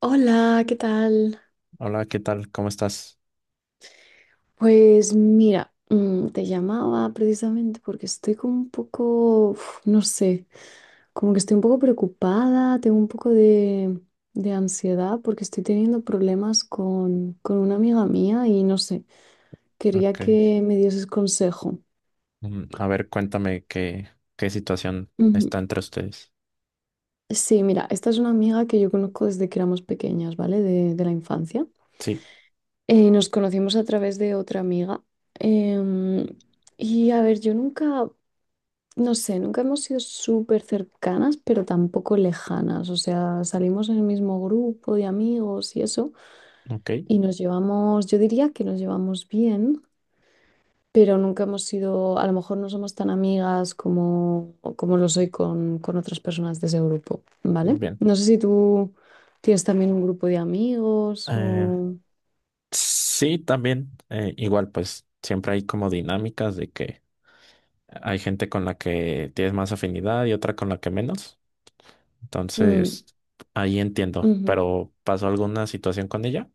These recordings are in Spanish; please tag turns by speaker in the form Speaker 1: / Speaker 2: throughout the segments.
Speaker 1: Hola, ¿qué tal?
Speaker 2: Hola, ¿qué tal? ¿Cómo estás?
Speaker 1: Pues mira, te llamaba precisamente porque estoy como un poco, no sé, como que estoy un poco preocupada, tengo un poco de ansiedad porque estoy teniendo problemas con una amiga mía y no sé, quería
Speaker 2: Ok.
Speaker 1: que me dieses consejo.
Speaker 2: A ver, cuéntame qué situación está
Speaker 1: Ujú.
Speaker 2: entre ustedes.
Speaker 1: Sí, mira, esta es una amiga que yo conozco desde que éramos pequeñas, ¿vale? De la infancia.
Speaker 2: Sí,
Speaker 1: Nos conocimos a través de otra amiga. Em, y a ver, yo nunca... No sé, nunca hemos sido súper cercanas, pero tampoco lejanas. O sea, salimos en el mismo grupo de amigos y eso,
Speaker 2: ok,
Speaker 1: y nos llevamos, yo diría que nos llevamos bien, pero nunca hemos sido, a lo mejor no somos tan amigas como lo soy con otras personas de ese grupo, ¿vale?
Speaker 2: bien.
Speaker 1: No sé si tú tienes también un grupo de amigos
Speaker 2: Eh,
Speaker 1: o...
Speaker 2: sí, también, igual, pues siempre hay como dinámicas de que hay gente con la que tienes más afinidad y otra con la que menos.
Speaker 1: Mm,
Speaker 2: Entonces, ahí entiendo.
Speaker 1: ujú.
Speaker 2: Pero, ¿pasó alguna situación con ella?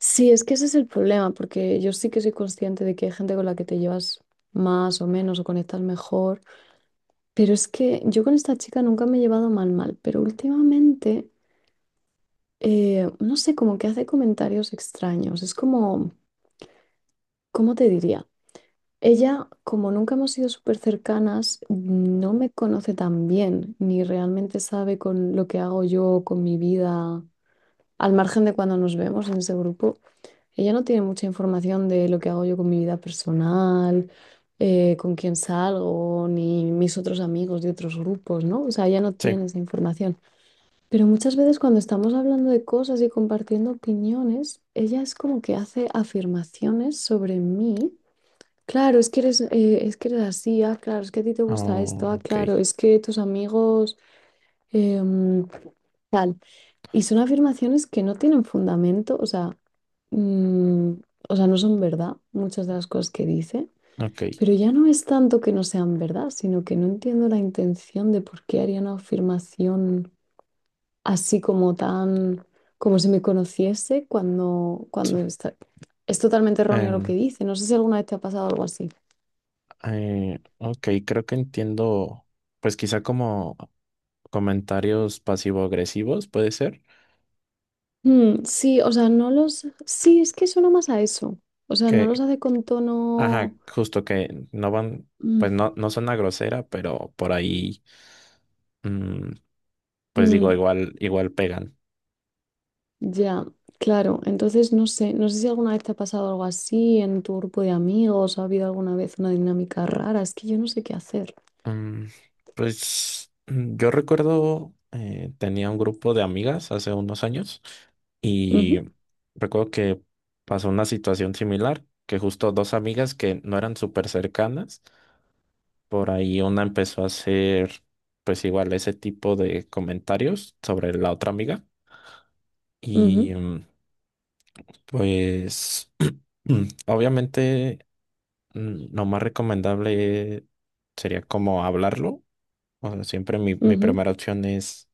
Speaker 1: Sí, es que ese es el problema, porque yo sí que soy consciente de que hay gente con la que te llevas más o menos o conectas mejor. Pero es que yo con esta chica nunca me he llevado mal, mal, pero últimamente, no sé, como que hace comentarios extraños. Es como, ¿cómo te diría? Ella, como nunca hemos sido súper cercanas, no me conoce tan bien, ni realmente sabe con lo que hago yo, con mi vida, al margen de cuando nos vemos en ese grupo. Ella no tiene mucha información de lo que hago yo con mi vida personal, con quién salgo, ni mis otros amigos de otros grupos, ¿no? O sea, ella no
Speaker 2: Sí.
Speaker 1: tiene esa información. Pero muchas veces cuando estamos hablando de cosas y compartiendo opiniones, ella es como que hace afirmaciones sobre mí. Claro, es que eres así, ah, claro, es que a ti te gusta
Speaker 2: Oh,
Speaker 1: esto, ah,
Speaker 2: ok,
Speaker 1: claro, es que tus amigos, em, tal. Y son afirmaciones que no tienen fundamento, o sea, mm, o sea, no son verdad muchas de las cosas que dice,
Speaker 2: ok,
Speaker 1: pero ya no es tanto que no sean verdad, sino que no entiendo la intención de por qué haría una afirmación así como tan, como si me conociese
Speaker 2: sí.
Speaker 1: Es totalmente erróneo lo que
Speaker 2: Em,
Speaker 1: dice. No sé si alguna vez te ha pasado algo así.
Speaker 2: ok, creo que entiendo. Pues quizá como comentarios pasivo-agresivos, puede ser,
Speaker 1: Mm, sí, o sea, no los... Sí, es que suena más a eso. O sea, no los
Speaker 2: que,
Speaker 1: hace con
Speaker 2: ajá,
Speaker 1: tono...
Speaker 2: justo que no van, pues
Speaker 1: Mm,
Speaker 2: no, no son a grosera, pero por ahí, mm, pues digo,
Speaker 1: mm,
Speaker 2: igual, igual pegan.
Speaker 1: ya, claro. Entonces, no sé, no sé si alguna vez te ha pasado algo así en tu grupo de amigos, ha habido alguna vez una dinámica rara. Es que yo no sé qué hacer.
Speaker 2: Mm, pues yo recuerdo, tenía un grupo de amigas hace unos años y
Speaker 1: Ujú,
Speaker 2: recuerdo que pasó una situación similar, que justo dos amigas que no eran súper cercanas. Por ahí una empezó a hacer, pues igual, ese tipo de comentarios sobre la otra amiga.
Speaker 1: ujú,
Speaker 2: Y pues, obviamente, lo más recomendable sería como hablarlo. O sea, siempre mi
Speaker 1: ujú,
Speaker 2: primera opción es,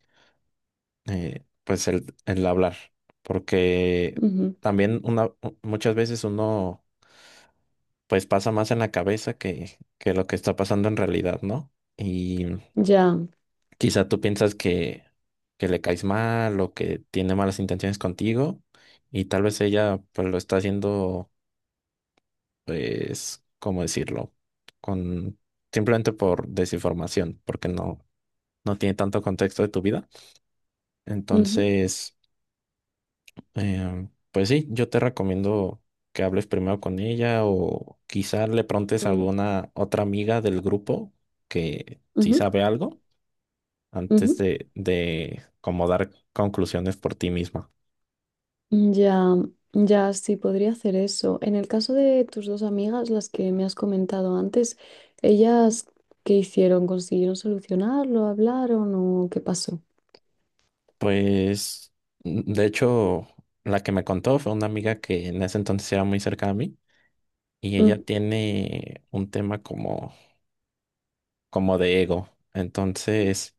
Speaker 2: pues, el hablar. Porque
Speaker 1: ujú.
Speaker 2: también muchas veces uno, pues, pasa más en la cabeza que lo que está pasando en realidad, ¿no?
Speaker 1: Ya.
Speaker 2: Quizá tú piensas que le caes mal o que tiene malas intenciones contigo y tal vez ella pues lo está haciendo, pues, ¿cómo decirlo? Con simplemente por desinformación, porque no, no tiene tanto contexto de tu vida.
Speaker 1: Ujú,
Speaker 2: Entonces, pues sí, yo te recomiendo que hables primero con ella o quizá le preguntes a
Speaker 1: mm,
Speaker 2: alguna otra amiga del grupo que sí
Speaker 1: ujú,
Speaker 2: sabe algo antes
Speaker 1: ujú.
Speaker 2: de como dar conclusiones por ti misma.
Speaker 1: Ya, ya, sí, podría hacer eso. En el caso de tus dos amigas, las que me has comentado antes, ¿ellas qué hicieron? ¿Consiguieron solucionarlo? ¿Hablaron o qué pasó?
Speaker 2: Pues, de hecho, la que me contó fue una amiga que en ese entonces era muy cerca a mí y ella
Speaker 1: Mm,
Speaker 2: tiene un tema como, como de ego. Entonces,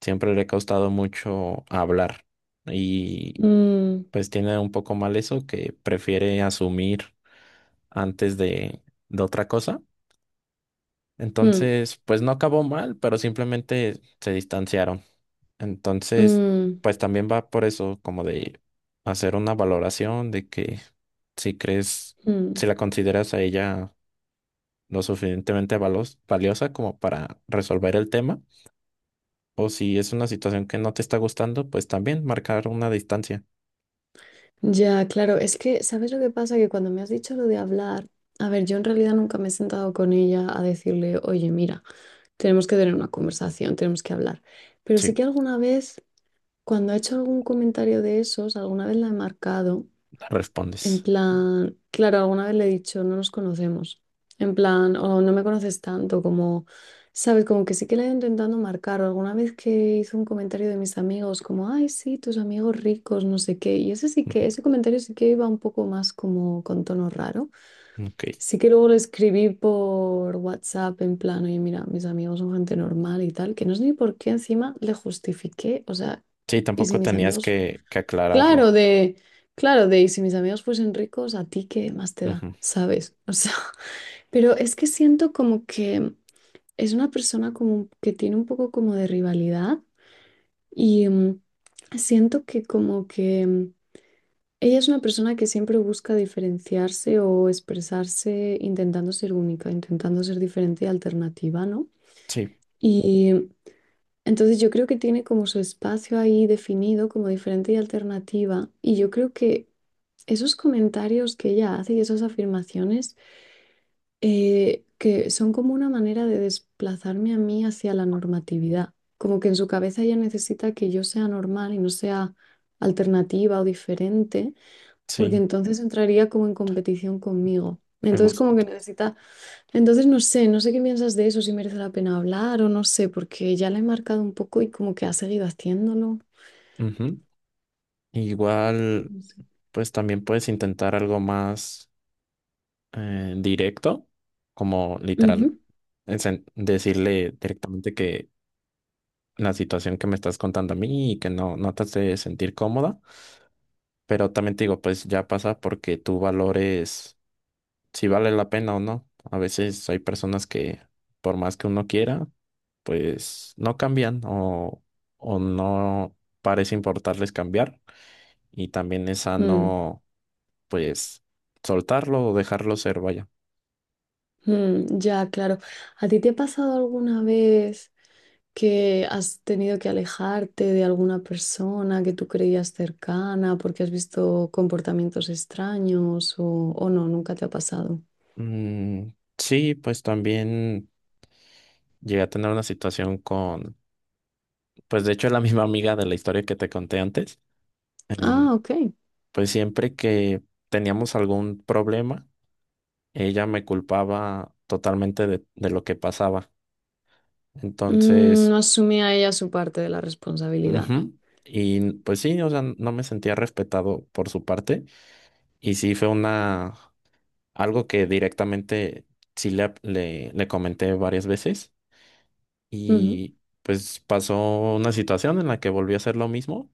Speaker 2: siempre le ha costado mucho hablar y
Speaker 1: mm,
Speaker 2: pues tiene un poco mal eso que prefiere asumir antes de otra cosa.
Speaker 1: mm,
Speaker 2: Entonces, pues no acabó mal, pero simplemente se distanciaron. Entonces,
Speaker 1: mm,
Speaker 2: pues también va por eso, como de hacer una valoración de que si crees,
Speaker 1: mm.
Speaker 2: si la consideras a ella lo suficientemente valiosa como para resolver el tema, o si es una situación que no te está gustando, pues también marcar una distancia.
Speaker 1: Ya, claro, es que, ¿sabes lo que pasa? Que cuando me has dicho lo de hablar, a ver, yo en realidad nunca me he sentado con ella a decirle, oye, mira, tenemos que tener una conversación, tenemos que hablar. Pero sí
Speaker 2: Sí,
Speaker 1: que alguna vez, cuando ha hecho algún comentario de esos, alguna vez la he marcado. En
Speaker 2: respondes.
Speaker 1: plan, claro, alguna vez le he dicho, no nos conocemos. En plan, o no me conoces tanto, como, sabes, como que sí que le he ido intentando marcar. O alguna vez que hizo un comentario de mis amigos, como, ay, sí, tus amigos ricos, no sé qué. Y ese sí que, ese comentario sí que iba un poco más como con tono raro.
Speaker 2: Ujú, ok.
Speaker 1: Sí que luego le escribí por WhatsApp, en plan, oye, mira, mis amigos son gente normal y tal, que no sé ni por qué encima le justifiqué. O sea,
Speaker 2: Sí,
Speaker 1: y si
Speaker 2: tampoco
Speaker 1: mis
Speaker 2: tenías
Speaker 1: amigos
Speaker 2: que
Speaker 1: Claro,
Speaker 2: aclararlo.
Speaker 1: de, claro, de, y si mis amigos fuesen ricos, ¿a ti qué más te da?
Speaker 2: Ujú,
Speaker 1: ¿Sabes? O sea, pero es que siento como que es una persona como que tiene un poco como de rivalidad y siento que como que ella es una persona que siempre busca diferenciarse o expresarse intentando ser única, intentando ser diferente y alternativa, ¿no?
Speaker 2: sí,
Speaker 1: Y entonces yo creo que tiene como su espacio ahí definido como diferente y alternativa y yo creo que esos comentarios que ella hace y esas afirmaciones que son como una manera de desplazarme a mí hacia la normatividad. Como que en su cabeza ella necesita que yo sea normal y no sea alternativa o diferente, porque
Speaker 2: sí,
Speaker 1: entonces entraría como en competición conmigo.
Speaker 2: me
Speaker 1: Entonces como
Speaker 2: gusta.
Speaker 1: que necesita, entonces no sé, no sé qué piensas de eso, si merece la pena hablar o no sé, porque ya la he marcado un poco y como que ha seguido haciéndolo.
Speaker 2: Ujú. Igual,
Speaker 1: No sé.
Speaker 2: pues también puedes intentar algo más directo, como literal,
Speaker 1: Ujú.
Speaker 2: decirle directamente que la situación que me estás contando a mí y que no, no te hace sentir cómoda, pero también te digo, pues ya pasa porque tú valores si vale la pena o no. A veces hay personas que por más que uno quiera, pues no cambian o no parece importarles cambiar y también es
Speaker 1: Mm.
Speaker 2: sano, pues soltarlo o dejarlo ser, vaya.
Speaker 1: Mm, ya, claro. ¿A ti te ha pasado alguna vez que has tenido que alejarte de alguna persona que tú creías cercana porque has visto comportamientos extraños o no? Nunca te ha pasado.
Speaker 2: Mm, sí, pues también llegué a tener una situación con, pues de hecho es la misma amiga de la historia que te conté antes.
Speaker 1: Ah,
Speaker 2: Em,
Speaker 1: ok.
Speaker 2: pues siempre que teníamos algún problema, ella me culpaba totalmente de lo que pasaba.
Speaker 1: Mm,
Speaker 2: Entonces,
Speaker 1: no asumía ella su parte de la responsabilidad.
Speaker 2: ujú, y pues sí, o sea, no me sentía respetado por su parte. Y sí fue una, algo que directamente sí le comenté varias veces.
Speaker 1: Ujú.
Speaker 2: Y pues pasó una situación en la que volví a hacer lo mismo,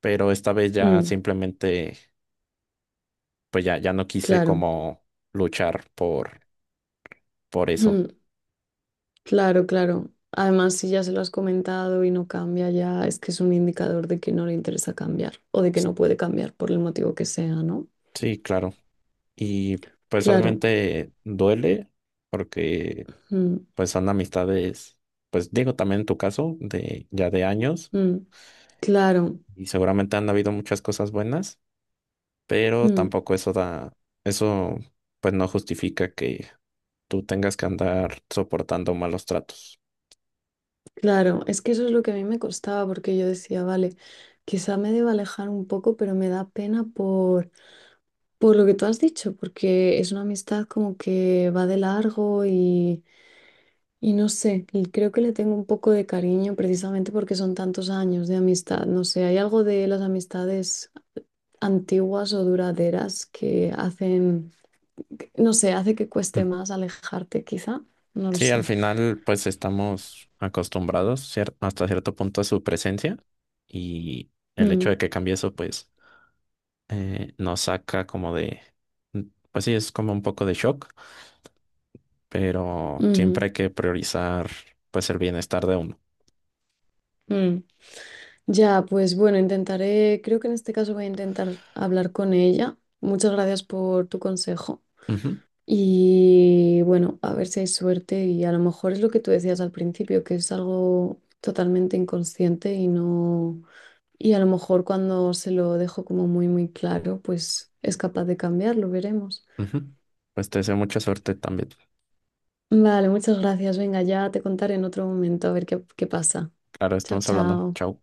Speaker 2: pero esta vez ya
Speaker 1: Mm,
Speaker 2: simplemente, pues ya no quise
Speaker 1: claro.
Speaker 2: como luchar por eso.
Speaker 1: Mm, claro, claro. Además, si ya se lo has comentado y no cambia ya, es que es un indicador de que no le interesa cambiar o de que no puede cambiar por el motivo que sea, ¿no?
Speaker 2: Sí, claro. Y pues
Speaker 1: Claro.
Speaker 2: obviamente duele porque
Speaker 1: Mm,
Speaker 2: pues son amistades, pues digo también en tu caso, de ya de años
Speaker 1: mm, claro,
Speaker 2: y seguramente han habido muchas cosas buenas, pero
Speaker 1: mm,
Speaker 2: tampoco eso da, eso pues no justifica que tú tengas que andar soportando malos tratos.
Speaker 1: claro. Es que eso es lo que a mí me costaba, porque yo decía, vale, quizá me deba alejar un poco, pero me da pena por lo que tú has dicho, porque es una amistad como que va de largo y no sé, y creo que le tengo un poco de cariño precisamente porque son tantos años de amistad. No sé, hay algo de las amistades antiguas o duraderas que hacen, no sé, hace que cueste más alejarte, quizá, no lo
Speaker 2: Sí, al
Speaker 1: sé.
Speaker 2: final pues estamos acostumbrados hasta cierto punto a su presencia y el hecho
Speaker 1: Mm,
Speaker 2: de que cambie eso pues nos saca como de, mm, pues sí, es como un poco de shock, pero
Speaker 1: ujú.
Speaker 2: siempre hay que priorizar pues el bienestar de uno.
Speaker 1: Mm. Ya, pues bueno, intentaré, creo que en este caso voy a intentar hablar con ella. Muchas gracias por tu consejo.
Speaker 2: Ujú,
Speaker 1: Y bueno, a ver si hay suerte y a lo mejor es lo que tú decías al principio, que es algo totalmente inconsciente y no... Y a lo mejor cuando se lo dejo como muy, muy claro, pues es capaz de cambiarlo, veremos.
Speaker 2: ujú. Pues te deseo mucha suerte también.
Speaker 1: Vale, muchas gracias. Venga, ya te contaré en otro momento a ver qué pasa.
Speaker 2: Claro,
Speaker 1: Chao,
Speaker 2: estamos hablando.
Speaker 1: chao.
Speaker 2: Chao.